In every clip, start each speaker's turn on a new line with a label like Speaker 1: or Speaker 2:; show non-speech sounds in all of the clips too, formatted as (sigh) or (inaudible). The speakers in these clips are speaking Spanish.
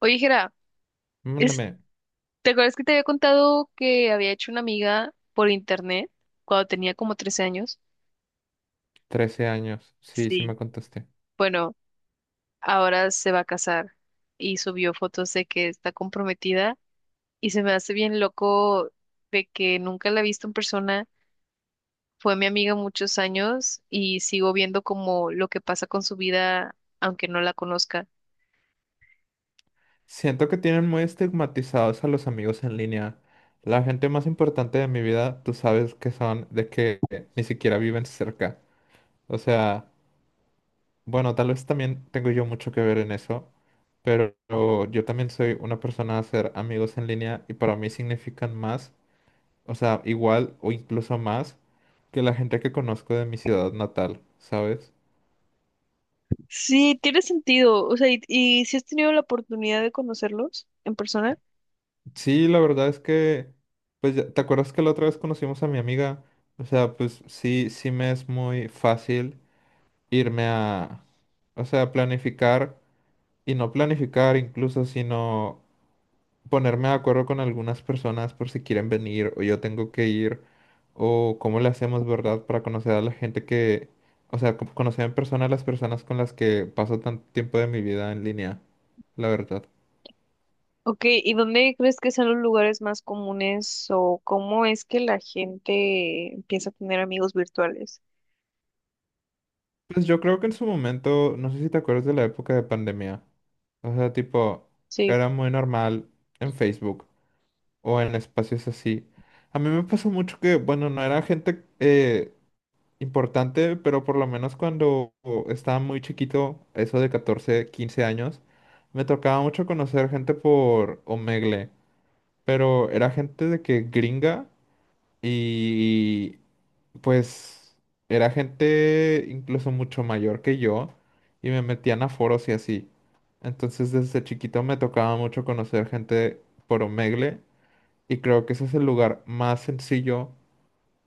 Speaker 1: Oye, Jera, es-
Speaker 2: Mándame
Speaker 1: ¿te acuerdas que te había contado que había hecho una amiga por internet cuando tenía como 13 años?
Speaker 2: 13 años. Sí, sí me
Speaker 1: Sí.
Speaker 2: contesté.
Speaker 1: Bueno, ahora se va a casar y subió fotos de que está comprometida y se me hace bien loco de que nunca la he visto en persona. Fue mi amiga muchos años y sigo viendo como lo que pasa con su vida aunque no la conozca.
Speaker 2: Siento que tienen muy estigmatizados a los amigos en línea. La gente más importante de mi vida, tú sabes que son de que ni siquiera viven cerca. O sea, bueno, tal vez también tengo yo mucho que ver en eso, pero yo también soy una persona a hacer amigos en línea y para mí significan más, o sea, igual o incluso más que la gente que conozco de mi ciudad natal, ¿sabes?
Speaker 1: Sí, tiene sentido. O sea, ¿y si has tenido la oportunidad de conocerlos en persona?
Speaker 2: Sí, la verdad es que, pues, ¿te acuerdas que la otra vez conocimos a mi amiga? O sea, pues sí, sí me es muy fácil irme a, o sea, planificar y no planificar incluso, sino ponerme de acuerdo con algunas personas por si quieren venir o yo tengo que ir o cómo le hacemos, ¿verdad? Para conocer a la gente que, o sea, conocer en persona a las personas con las que paso tanto tiempo de mi vida en línea, la verdad.
Speaker 1: Ok, ¿y dónde crees que son los lugares más comunes o cómo es que la gente empieza a tener amigos virtuales?
Speaker 2: Pues yo creo que en su momento, no sé si te acuerdas de la época de pandemia. O sea, tipo,
Speaker 1: Sí.
Speaker 2: era muy normal en Facebook o en espacios así. A mí me pasó mucho que, bueno, no era gente importante, pero por lo menos cuando estaba muy chiquito, eso de 14 15 años, me tocaba mucho conocer gente por Omegle, pero era gente de que gringa y pues era gente incluso mucho mayor que yo y me metían a foros y así. Entonces desde chiquito me tocaba mucho conocer gente por Omegle y creo que ese es el lugar más sencillo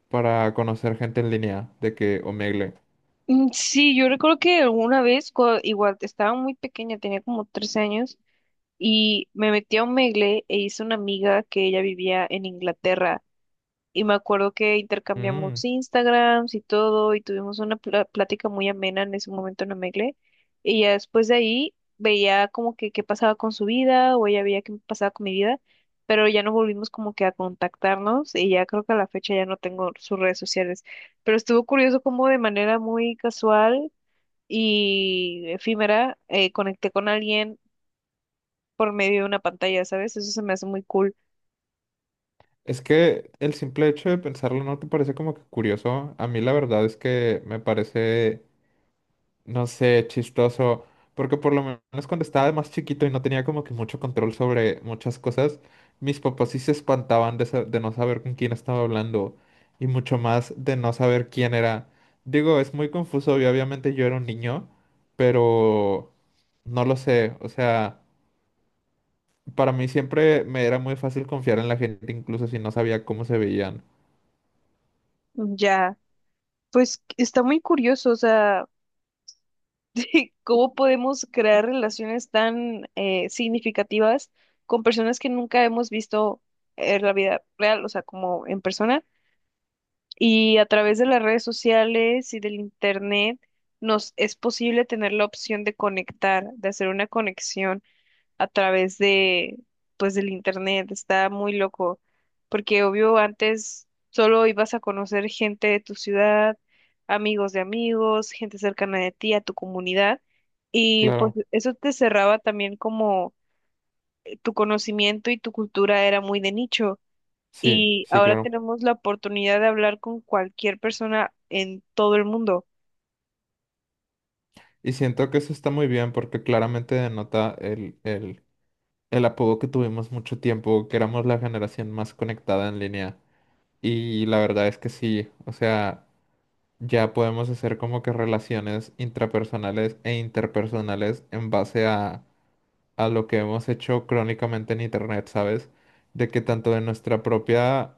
Speaker 2: para conocer gente en línea de que Omegle.
Speaker 1: Mm, sí, yo recuerdo que alguna vez, igual estaba muy pequeña, tenía como 13 años, y me metí a un Megle e hice una amiga que ella vivía en Inglaterra. Y me acuerdo que intercambiamos
Speaker 2: Mm,
Speaker 1: Instagrams y todo, y tuvimos una plática muy amena en ese momento en Omegle. Y ya después de ahí veía como que qué pasaba con su vida, o ella veía qué pasaba con mi vida, pero ya no volvimos como que a contactarnos, y ya creo que a la fecha ya no tengo sus redes sociales. Pero estuvo curioso como de manera muy casual y efímera, conecté con alguien por medio de una pantalla, ¿sabes? Eso se me hace muy cool.
Speaker 2: Es que el simple hecho de pensarlo no te parece como que curioso. A mí la verdad es que me parece no sé, chistoso, porque por lo menos cuando estaba más chiquito y no tenía como que mucho control sobre muchas cosas, mis papás sí se espantaban de no saber con quién estaba hablando y mucho más de no saber quién era. Digo, es muy confuso y obviamente yo era un niño, pero no lo sé, o sea, para mí siempre me era muy fácil confiar en la gente, incluso si no sabía cómo se veían.
Speaker 1: Ya, pues está muy curioso, o sea. (laughs) ¿Cómo podemos crear relaciones tan significativas con personas que nunca hemos visto en la vida real, o sea, como en persona? Y a través de las redes sociales y del internet nos es posible tener la opción de conectar, de hacer una conexión a través de, pues, del internet. Está muy loco, porque obvio antes solo ibas a conocer gente de tu ciudad, amigos de amigos, gente cercana de ti, a tu comunidad, y pues
Speaker 2: Claro,
Speaker 1: eso te cerraba también como tu conocimiento y tu cultura era muy de nicho.
Speaker 2: sí,
Speaker 1: Y
Speaker 2: sí,
Speaker 1: ahora
Speaker 2: claro.
Speaker 1: tenemos la oportunidad de hablar con cualquier persona en todo el mundo.
Speaker 2: Y siento que eso está muy bien porque claramente denota el apodo que tuvimos mucho tiempo, que éramos la generación más conectada en línea. Y la verdad es que sí, o sea, ya podemos hacer como que relaciones intrapersonales e interpersonales en base a lo que hemos hecho crónicamente en internet, ¿sabes? De que tanto de nuestra propia,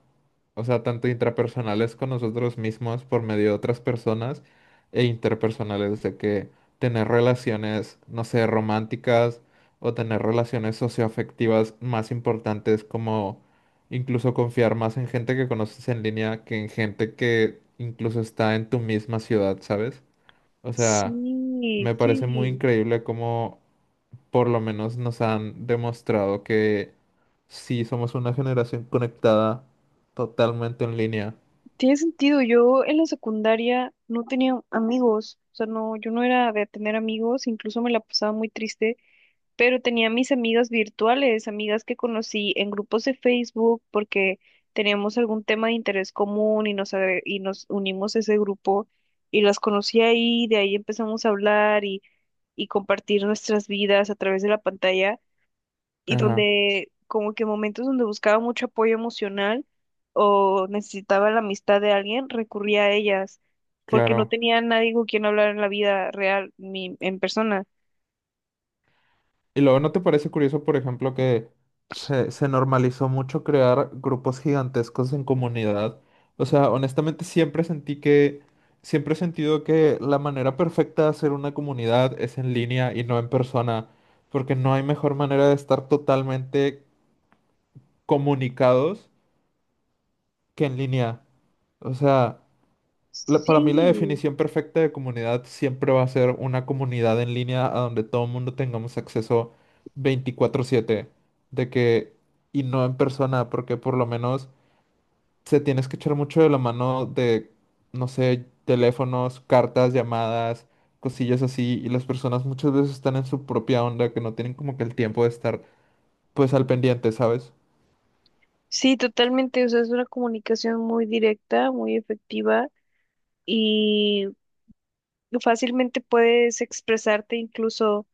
Speaker 2: o sea, tanto intrapersonales con nosotros mismos por medio de otras personas e interpersonales, de que tener relaciones, no sé, románticas o tener relaciones socioafectivas más importantes como incluso confiar más en gente que conoces en línea que en gente que incluso está en tu misma ciudad, ¿sabes? O sea,
Speaker 1: Sí,
Speaker 2: me parece muy
Speaker 1: sí.
Speaker 2: increíble cómo por lo menos nos han demostrado que sí somos una generación conectada totalmente en línea.
Speaker 1: Tiene sentido, yo en la secundaria no tenía amigos, o sea, no, yo no era de tener amigos, incluso me la pasaba muy triste, pero tenía mis amigas virtuales, amigas que conocí en grupos de Facebook porque teníamos algún tema de interés común y y nos unimos a ese grupo y las conocí ahí, de ahí empezamos a hablar y compartir nuestras vidas a través de la pantalla y
Speaker 2: Ajá,
Speaker 1: donde como que momentos donde buscaba mucho apoyo emocional o necesitaba la amistad de alguien, recurría a ellas, porque no
Speaker 2: claro.
Speaker 1: tenía nadie con quien hablar en la vida real, ni en persona.
Speaker 2: Y luego, ¿no te parece curioso, por ejemplo, que se normalizó mucho crear grupos gigantescos en comunidad? O sea, honestamente siempre sentí que, siempre he sentido que la manera perfecta de hacer una comunidad es en línea y no en persona, porque no hay mejor manera de estar totalmente comunicados que en línea. O sea, para mí la
Speaker 1: Sí,
Speaker 2: definición perfecta de comunidad siempre va a ser una comunidad en línea a donde todo el mundo tengamos acceso 24/7, de que, y no en persona, porque por lo menos se tienes que echar mucho de la mano de, no sé, teléfonos, cartas, llamadas, cosillas así, y las personas muchas veces están en su propia onda, que no tienen como que el tiempo de estar pues al pendiente, ¿sabes?
Speaker 1: sí, totalmente, o sea, es una comunicación muy directa, muy efectiva. Y fácilmente puedes expresarte incluso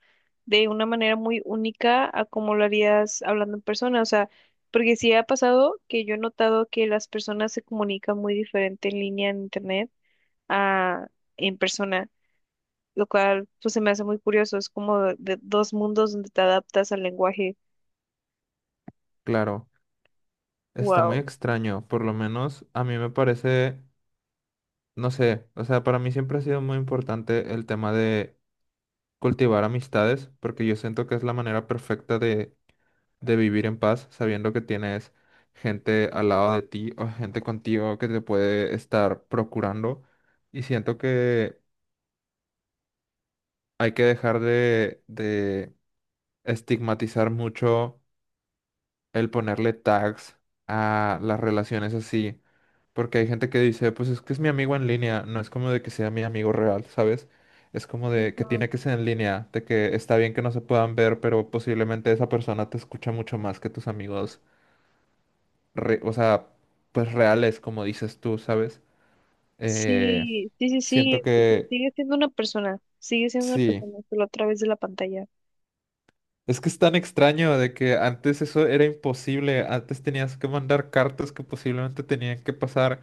Speaker 1: de una manera muy única a como lo harías hablando en persona. O sea, porque sí ha pasado que yo he notado que las personas se comunican muy diferente en línea en internet a en persona, lo cual pues se me hace muy curioso. Es como de dos mundos donde te adaptas al lenguaje.
Speaker 2: Claro, está muy
Speaker 1: Wow.
Speaker 2: extraño, por lo menos a mí me parece... no sé, o sea, para mí siempre ha sido muy importante el tema de cultivar amistades, porque yo siento que es la manera perfecta de vivir en paz, sabiendo que tienes gente al lado de ti o gente contigo que te puede estar procurando. Y siento que hay que dejar de estigmatizar mucho el ponerle tags a las relaciones así. Porque hay gente que dice, pues es que es mi amigo en línea, no es como de que sea mi amigo real, ¿sabes? Es como de que tiene
Speaker 1: Ujú.
Speaker 2: que ser en línea, de que está bien que no se puedan ver, pero posiblemente esa persona te escucha mucho más que tus amigos, o sea, pues reales, como dices tú, ¿sabes? Eh,
Speaker 1: Sí, sí, sí, sí,
Speaker 2: siento
Speaker 1: o sea,
Speaker 2: que
Speaker 1: sigue siendo una persona, sigue siendo una
Speaker 2: sí.
Speaker 1: persona, solo a través de la pantalla.
Speaker 2: Es que es tan extraño de que antes eso era imposible, antes tenías que mandar cartas que posiblemente tenían que pasar.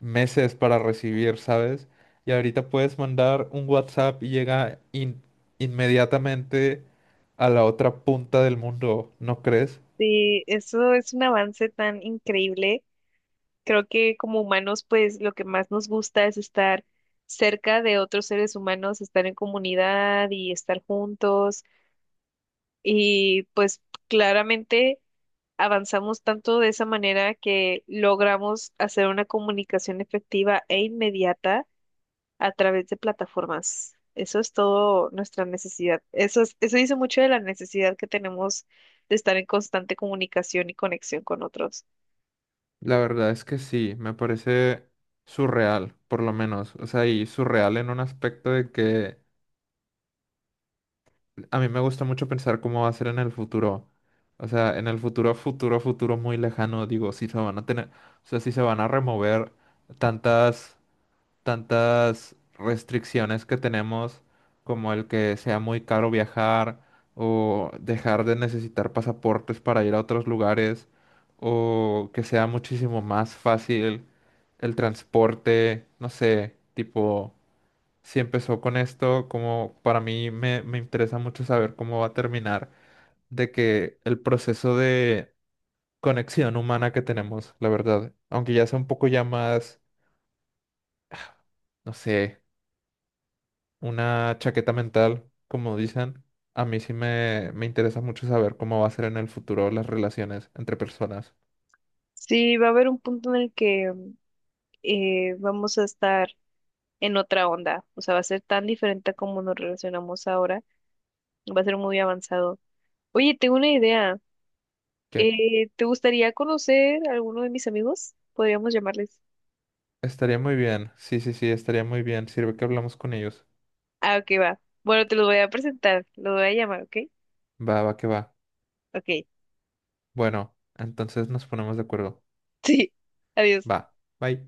Speaker 2: Meses para recibir, ¿sabes? Y ahorita puedes mandar un WhatsApp y llega inmediatamente a la otra punta del mundo, ¿no crees?
Speaker 1: Sí, eso es un avance tan increíble. Creo que como humanos, pues lo que más nos gusta es estar cerca de otros seres humanos, estar en comunidad y estar juntos. Y pues claramente avanzamos tanto de esa manera que logramos hacer una comunicación efectiva e inmediata a través de plataformas. Eso es todo nuestra necesidad. Eso es, eso dice mucho de la necesidad que tenemos de estar en constante comunicación y conexión con otros.
Speaker 2: La verdad es que sí, me parece surreal, por lo menos. O sea, y surreal en un aspecto de que a mí me gusta mucho pensar cómo va a ser en el futuro. O sea, en el futuro, futuro, futuro muy lejano, digo, si se van a tener, o sea, si se van a remover tantas tantas restricciones que tenemos, como el que sea muy caro viajar o dejar de necesitar pasaportes para ir a otros lugares, o que sea muchísimo más fácil el transporte, no sé, tipo, si empezó con esto, como para mí me interesa mucho saber cómo va a terminar, de que el proceso de conexión humana que tenemos, la verdad, aunque ya sea un poco ya más... No sé, una chaqueta mental, como dicen. A mí sí me interesa mucho saber cómo va a ser en el futuro las relaciones entre personas.
Speaker 1: Sí, va a haber un punto en el que vamos a estar en otra onda, o sea, va a ser tan diferente a como nos relacionamos ahora, va a ser muy avanzado. Oye, tengo una idea,
Speaker 2: Que
Speaker 1: ¿te gustaría conocer a alguno de mis amigos? Podríamos llamarles.
Speaker 2: estaría muy bien. Sí, sí, sí, estaría muy bien. Sirve que hablamos con ellos.
Speaker 1: Ah, ok, va. Bueno, te los voy a presentar, los voy a llamar, ¿ok?
Speaker 2: Va, va, que va.
Speaker 1: Ok, (laughs)
Speaker 2: Bueno, entonces nos ponemos de acuerdo.
Speaker 1: sí, adiós.
Speaker 2: Va. Bye.